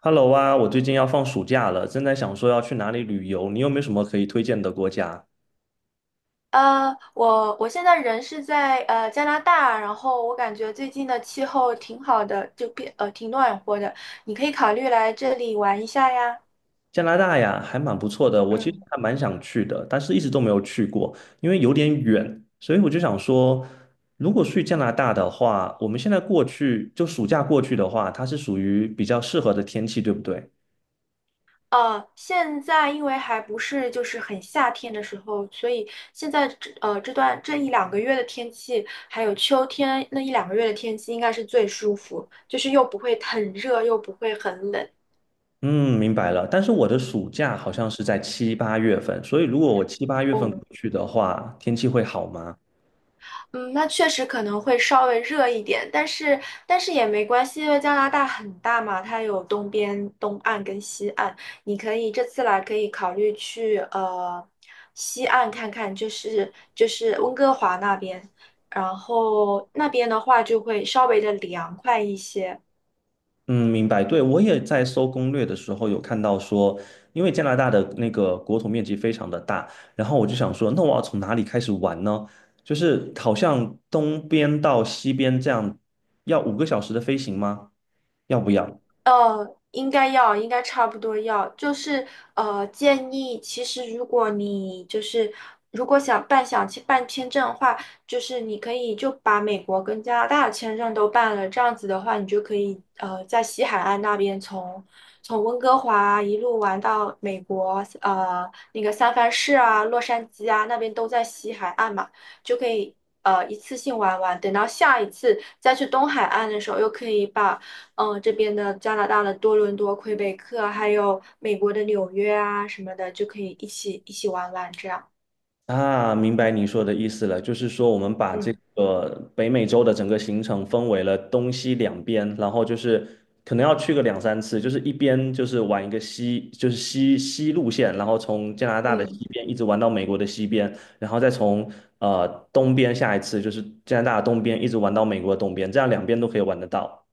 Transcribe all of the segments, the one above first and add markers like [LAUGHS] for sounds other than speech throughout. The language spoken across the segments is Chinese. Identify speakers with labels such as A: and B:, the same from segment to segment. A: Hello 啊，我最近要放暑假了，正在想说要去哪里旅游，你有没有什么可以推荐的国家？
B: 我现在人是在加拿大，然后我感觉最近的气候挺好的，就变挺暖和的，你可以考虑来这里玩一下呀。
A: 加拿大呀，还蛮不错的，我其实
B: 嗯。
A: 还蛮想去的，但是一直都没有去过，因为有点远，所以我就想说，如果去加拿大的话，我们现在过去，就暑假过去的话，它是属于比较适合的天气，对不对？
B: 现在因为还不是就是很夏天的时候，所以现在这一两个月的天气，还有秋天那一两个月的天气应该是最舒服，就是又不会很热，又不会很冷。
A: 嗯，明白了。但是我的暑假好像是在七八月份，所以如果我七八月份过
B: 哦。
A: 去的话，天气会好吗？
B: 嗯，那确实可能会稍微热一点，但是也没关系，因为加拿大很大嘛，它有东边、东岸跟西岸，你可以这次来可以考虑去西岸看看，就是温哥华那边，然后那边的话就会稍微的凉快一些。
A: 嗯，明白。对，我也在搜攻略的时候有看到说，因为加拿大的那个国土面积非常的大，然后我就想说，那我要从哪里开始玩呢？就是好像东边到西边这样，要五个小时的飞行吗？要不要？
B: 呃，应该要，应该差不多要，就是建议其实如果你就是如果想去办签证的话，就是你可以就把美国跟加拿大的签证都办了，这样子的话，你就可以在西海岸那边从温哥华啊一路玩到美国，那个三藩市啊、洛杉矶啊那边都在西海岸嘛，就可以。一次性玩完，等到下一次再去东海岸的时候，又可以把这边的加拿大的多伦多、魁北克，还有美国的纽约啊什么的，就可以一起玩玩这样。
A: 啊，明白你说的意思了，就是说我们把这
B: 嗯
A: 个北美洲的整个行程分为了东西两边，然后就是可能要去个两三次，就是一边就是玩一个西，就是西西路线，然后从加拿大的
B: 嗯，
A: 西边一直玩到美国的西边，然后再从东边下一次就是加拿大的东边一直玩到美国的东边，这样两边都可以玩得到。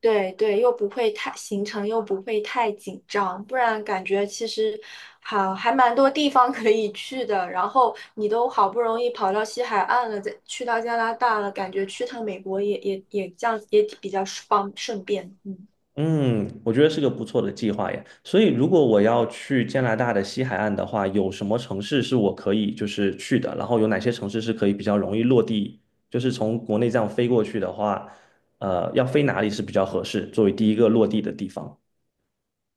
B: 对对，又不会太行程又不会太紧张，不然感觉其实好还蛮多地方可以去的。然后你都好不容易跑到西海岸了，再去到加拿大了，感觉去趟美国也这样也比较方顺便。嗯。
A: 嗯，我觉得是个不错的计划耶。所以，如果我要去加拿大的西海岸的话，有什么城市是我可以就是去的？然后有哪些城市是可以比较容易落地？就是从国内这样飞过去的话，要飞哪里是比较合适，作为第一个落地的地方？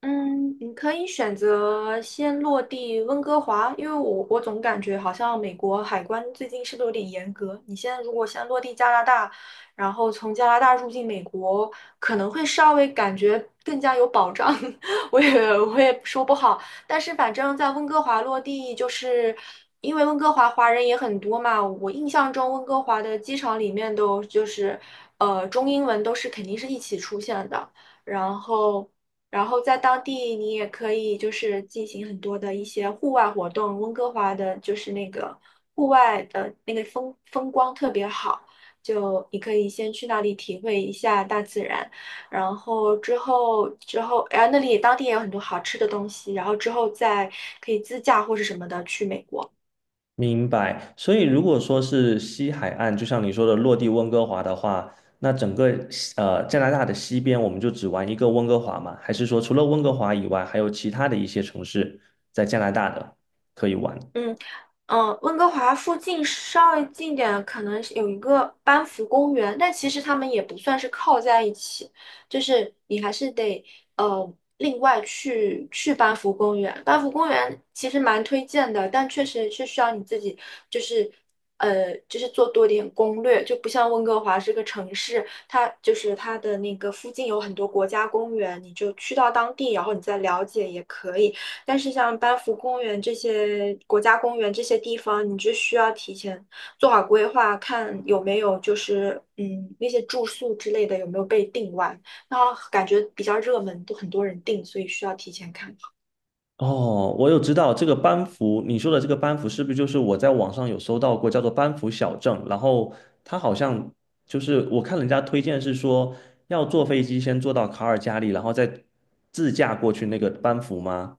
B: 嗯，你可以选择先落地温哥华，因为我总感觉好像美国海关最近是不是有点严格？你现在如果先落地加拿大，然后从加拿大入境美国，可能会稍微感觉更加有保障。[LAUGHS] 我也说不好，但是反正在温哥华落地，就是因为温哥华华人也很多嘛，我印象中温哥华的机场里面都就是中英文都是肯定是一起出现的。然后然后在当地你也可以就是进行很多的一些户外活动。温哥华的就是那个户外的那个光特别好，就你可以先去那里体会一下大自然，然后之后，哎，那里当地也有很多好吃的东西，然后之后再可以自驾或是什么的去美国。
A: 明白，所以如果说是西海岸，就像你说的落地温哥华的话，那整个西加拿大的西边，我们就只玩一个温哥华吗？还是说除了温哥华以外，还有其他的一些城市在加拿大的可以玩？
B: 嗯。嗯，温哥华附近稍微近点，可能是有一个班夫公园，但其实他们也不算是靠在一起，就是你还是得呃另外去班夫公园。班夫公园其实蛮推荐的，但确实是需要你自己就是就是做多点攻略，就不像温哥华这个城市，它就是它的那个附近有很多国家公园，你就去到当地，然后你再了解也可以。但是像班夫公园这些国家公园这些地方，你就需要提前做好规划，看有没有就是那些住宿之类的有没有被订完。然后感觉比较热门，都很多人订，所以需要提前看。
A: 哦，我有知道这个班夫，你说的这个班夫是不是就是我在网上有搜到过，叫做班夫小镇？然后它好像就是我看人家推荐是说要坐飞机先坐到卡尔加里，然后再自驾过去那个班夫吗？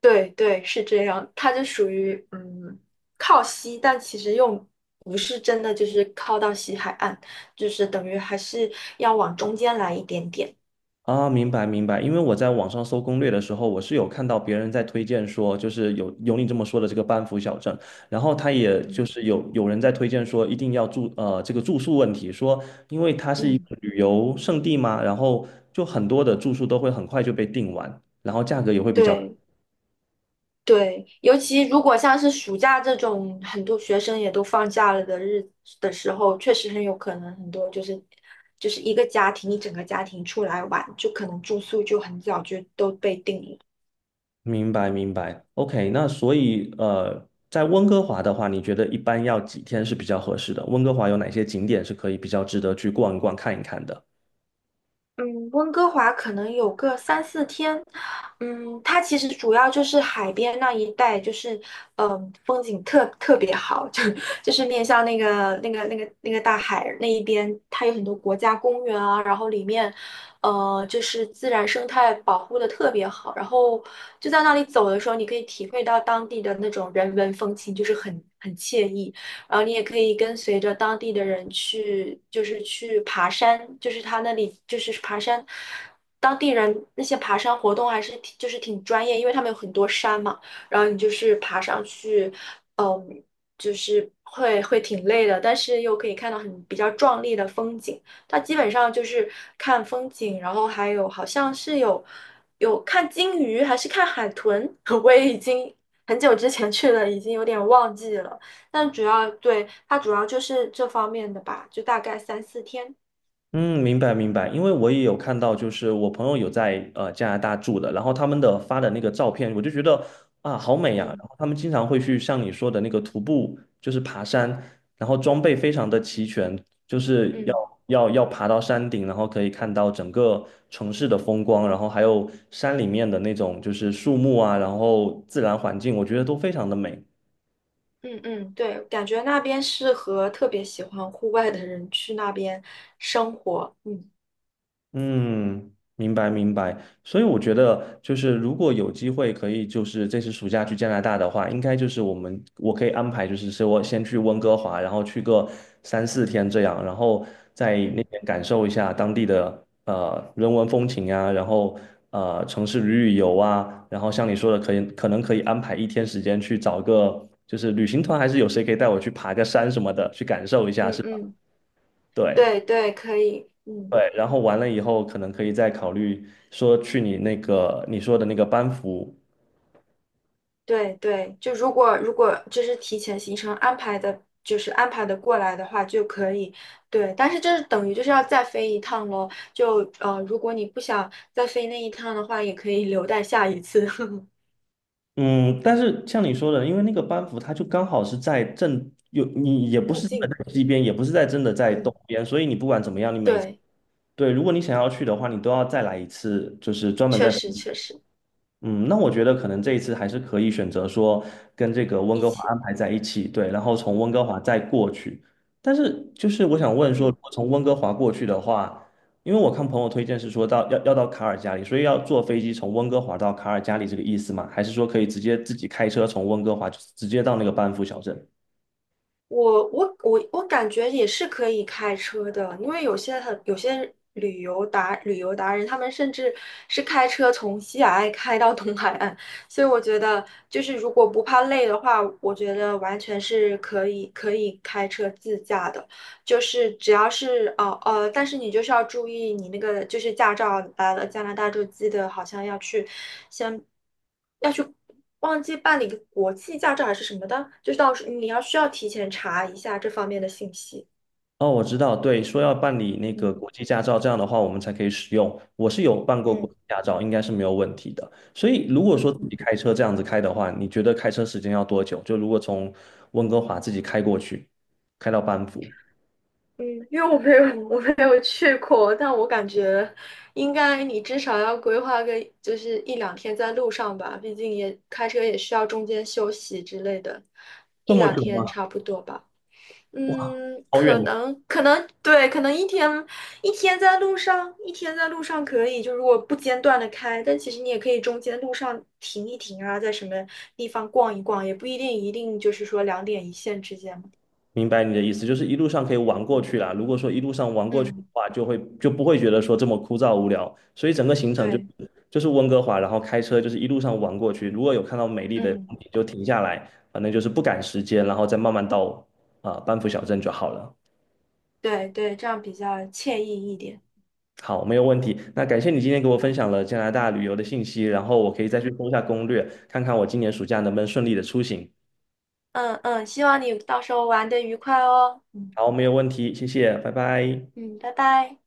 B: 对对，是这样，它就属于靠西，但其实又不是真的就是靠到西海岸，就是等于还是要往中间来一点点。
A: 啊，明白明白，因为我在网上搜攻略的时候，我是有看到别人在推荐说，就是有你这么说的这个班夫小镇，然后他也就
B: 嗯
A: 是有人在推荐说一定要住这个住宿问题，说因为它是一
B: 嗯，
A: 个旅游胜地嘛，然后就很多的住宿都会很快就被订完，然后价格也会比较。
B: 对。对，尤其如果像是暑假这种很多学生也都放假了的的时候，确实很有可能很多就是一整个家庭出来玩，就可能住宿就很早就都被定了。
A: 明白明白，OK，那所以在温哥华的话，你觉得一般要几天是比较合适的？温哥华有哪些景点是可以比较值得去逛一逛、看一看的？
B: 嗯，温哥华可能有个三四天。嗯，它其实主要就是海边那一带，就是风景别好，就是面向那个大海那一边，它有很多国家公园啊，然后里面，就是自然生态保护的特别好，然后就在那里走的时候，你可以体会到当地的那种人文风情，就是很惬意。然后你也可以跟随着当地的人去，就是去爬山，就是他那里就是爬山，当地人那些爬山活动还是挺就是挺专业，因为他们有很多山嘛，然后你就是爬上去。嗯，就是会挺累的，但是又可以看到很比较壮丽的风景。它基本上就是看风景，然后还有好像是有看鲸鱼还是看海豚，[LAUGHS] 我也已经很久之前去了，已经有点忘记了。但主要对它主要就是这方面的吧，就大概三四天。
A: 嗯，明白明白，因为我也有看到，就是我朋友有在加拿大住的，然后他们的发的那个照片，我就觉得啊好美呀、
B: 嗯，
A: 然后他们经常会去像你说的那个徒步，就是爬山，然后装备非常的齐全，就是要
B: 嗯
A: 要要爬到山顶，然后可以看到整个城市的风光，然后还有山里面的那种就是树木啊，然后自然环境，我觉得都非常的美。
B: 嗯嗯，对，感觉那边适合特别喜欢户外的人去那边生活。嗯
A: 嗯，明白明白。所以我觉得，就是如果有机会可以，就是这次暑假去加拿大的话，应该就是我们我可以安排，就是说我先去温哥华，然后去个三四天这样，然后在那
B: 嗯
A: 边感受一下当地的人文风情啊，然后呃城市旅游啊，然后像你说的，可以可能可以安排一天时间去找个就是旅行团，还是有谁可以带我去爬个山什么的，去感受一下，
B: 嗯
A: 是吧？
B: 嗯，
A: 对。
B: 对对，可以。嗯，
A: 对，然后完了以后，可能可以再考虑说去你那个你说的那个班服，
B: 对对，就如果就是提前行程安排的，就是安排的过来的话就可以。对，但是就是等于就是要再飞一趟咯，如果你不想再飞那一趟的话，也可以留待下一次 [LAUGHS]
A: 嗯，但是像你说的，因为那个班服它就刚好是在正有你也不
B: 入
A: 是真的
B: 境。
A: 在西边，也不是在真的在
B: 嗯。
A: 东边，所以你不管怎么样，你每一次
B: 对，
A: 对，如果你想要去的话，你都要再来一次，就是专门
B: 确
A: 在。
B: 实确实
A: 嗯，那我觉得可能这一次还是可以选择说跟这个温
B: 一
A: 哥华
B: 起。
A: 安排在一起，对，然后从温哥华再过去。但是就是我想问说，
B: 嗯，
A: 如果从温哥华过去的话，因为我看朋友推荐是说到要到卡尔加里，所以要坐飞机从温哥华到卡尔加里这个意思吗？还是说可以直接自己开车从温哥华就直接到那个班夫小镇？
B: 我感觉也是可以开车的，因为有些旅游达人，他们甚至是开车从西海岸开到东海岸，所以我觉得就是如果不怕累的话，我觉得完全是可以开车自驾的。就是只要是但是你就是要注意你那个就是驾照来了加拿大就记得好像先要去忘记办理个国际驾照还是什么的，就是到时你要需要提前查一下这方面的信息。
A: 哦，我知道，对，说要办理那个
B: 嗯
A: 国际驾照，这样的话我们才可以使用。我是有办过国
B: 嗯
A: 际驾照，应该是没有问题的。所以如果说
B: 嗯
A: 自己
B: 嗯
A: 开车这样子开的话，你觉得开车时间要多久？就如果从温哥华自己开过去，开到班夫，
B: 嗯，因为我没有去过，但我感觉应该你至少要规划个就是一两天在路上吧，毕竟也开车也需要中间休息之类的，
A: 这
B: 一
A: 么
B: 两
A: 久
B: 天
A: 吗？
B: 差不多吧。
A: 哇，
B: 嗯，
A: 好远
B: 可
A: 哦。
B: 能可能对，可能一天在路上，一天在路上可以，就如果不间断的开，但其实你也可以中间路上停一停啊，在什么地方逛一逛，也不一定一定就是说两点一线之间嘛。
A: 明白你的意思，就是一路上可以玩过去啦。如果说一路上玩过去的
B: 嗯，
A: 话，就会就不会觉得说这么枯燥无聊。所以整个行程就
B: 对。
A: 是就是温哥华，然后开车就是一路上玩过去。如果有看到美丽的
B: 嗯，
A: 风景就停下来，反正就是不赶时间，然后再慢慢到啊、班夫小镇就好了。
B: 对对，这样比较惬意一点。
A: 好，没有问题。那感谢你今天给我分享了加拿大旅游的信息，然后我可以再去搜一下攻略，看看我今年暑假能不能顺利的出行。
B: 嗯嗯，希望你到时候玩的愉快哦。嗯
A: 好，没有问题，谢谢，拜拜。
B: 嗯，拜拜。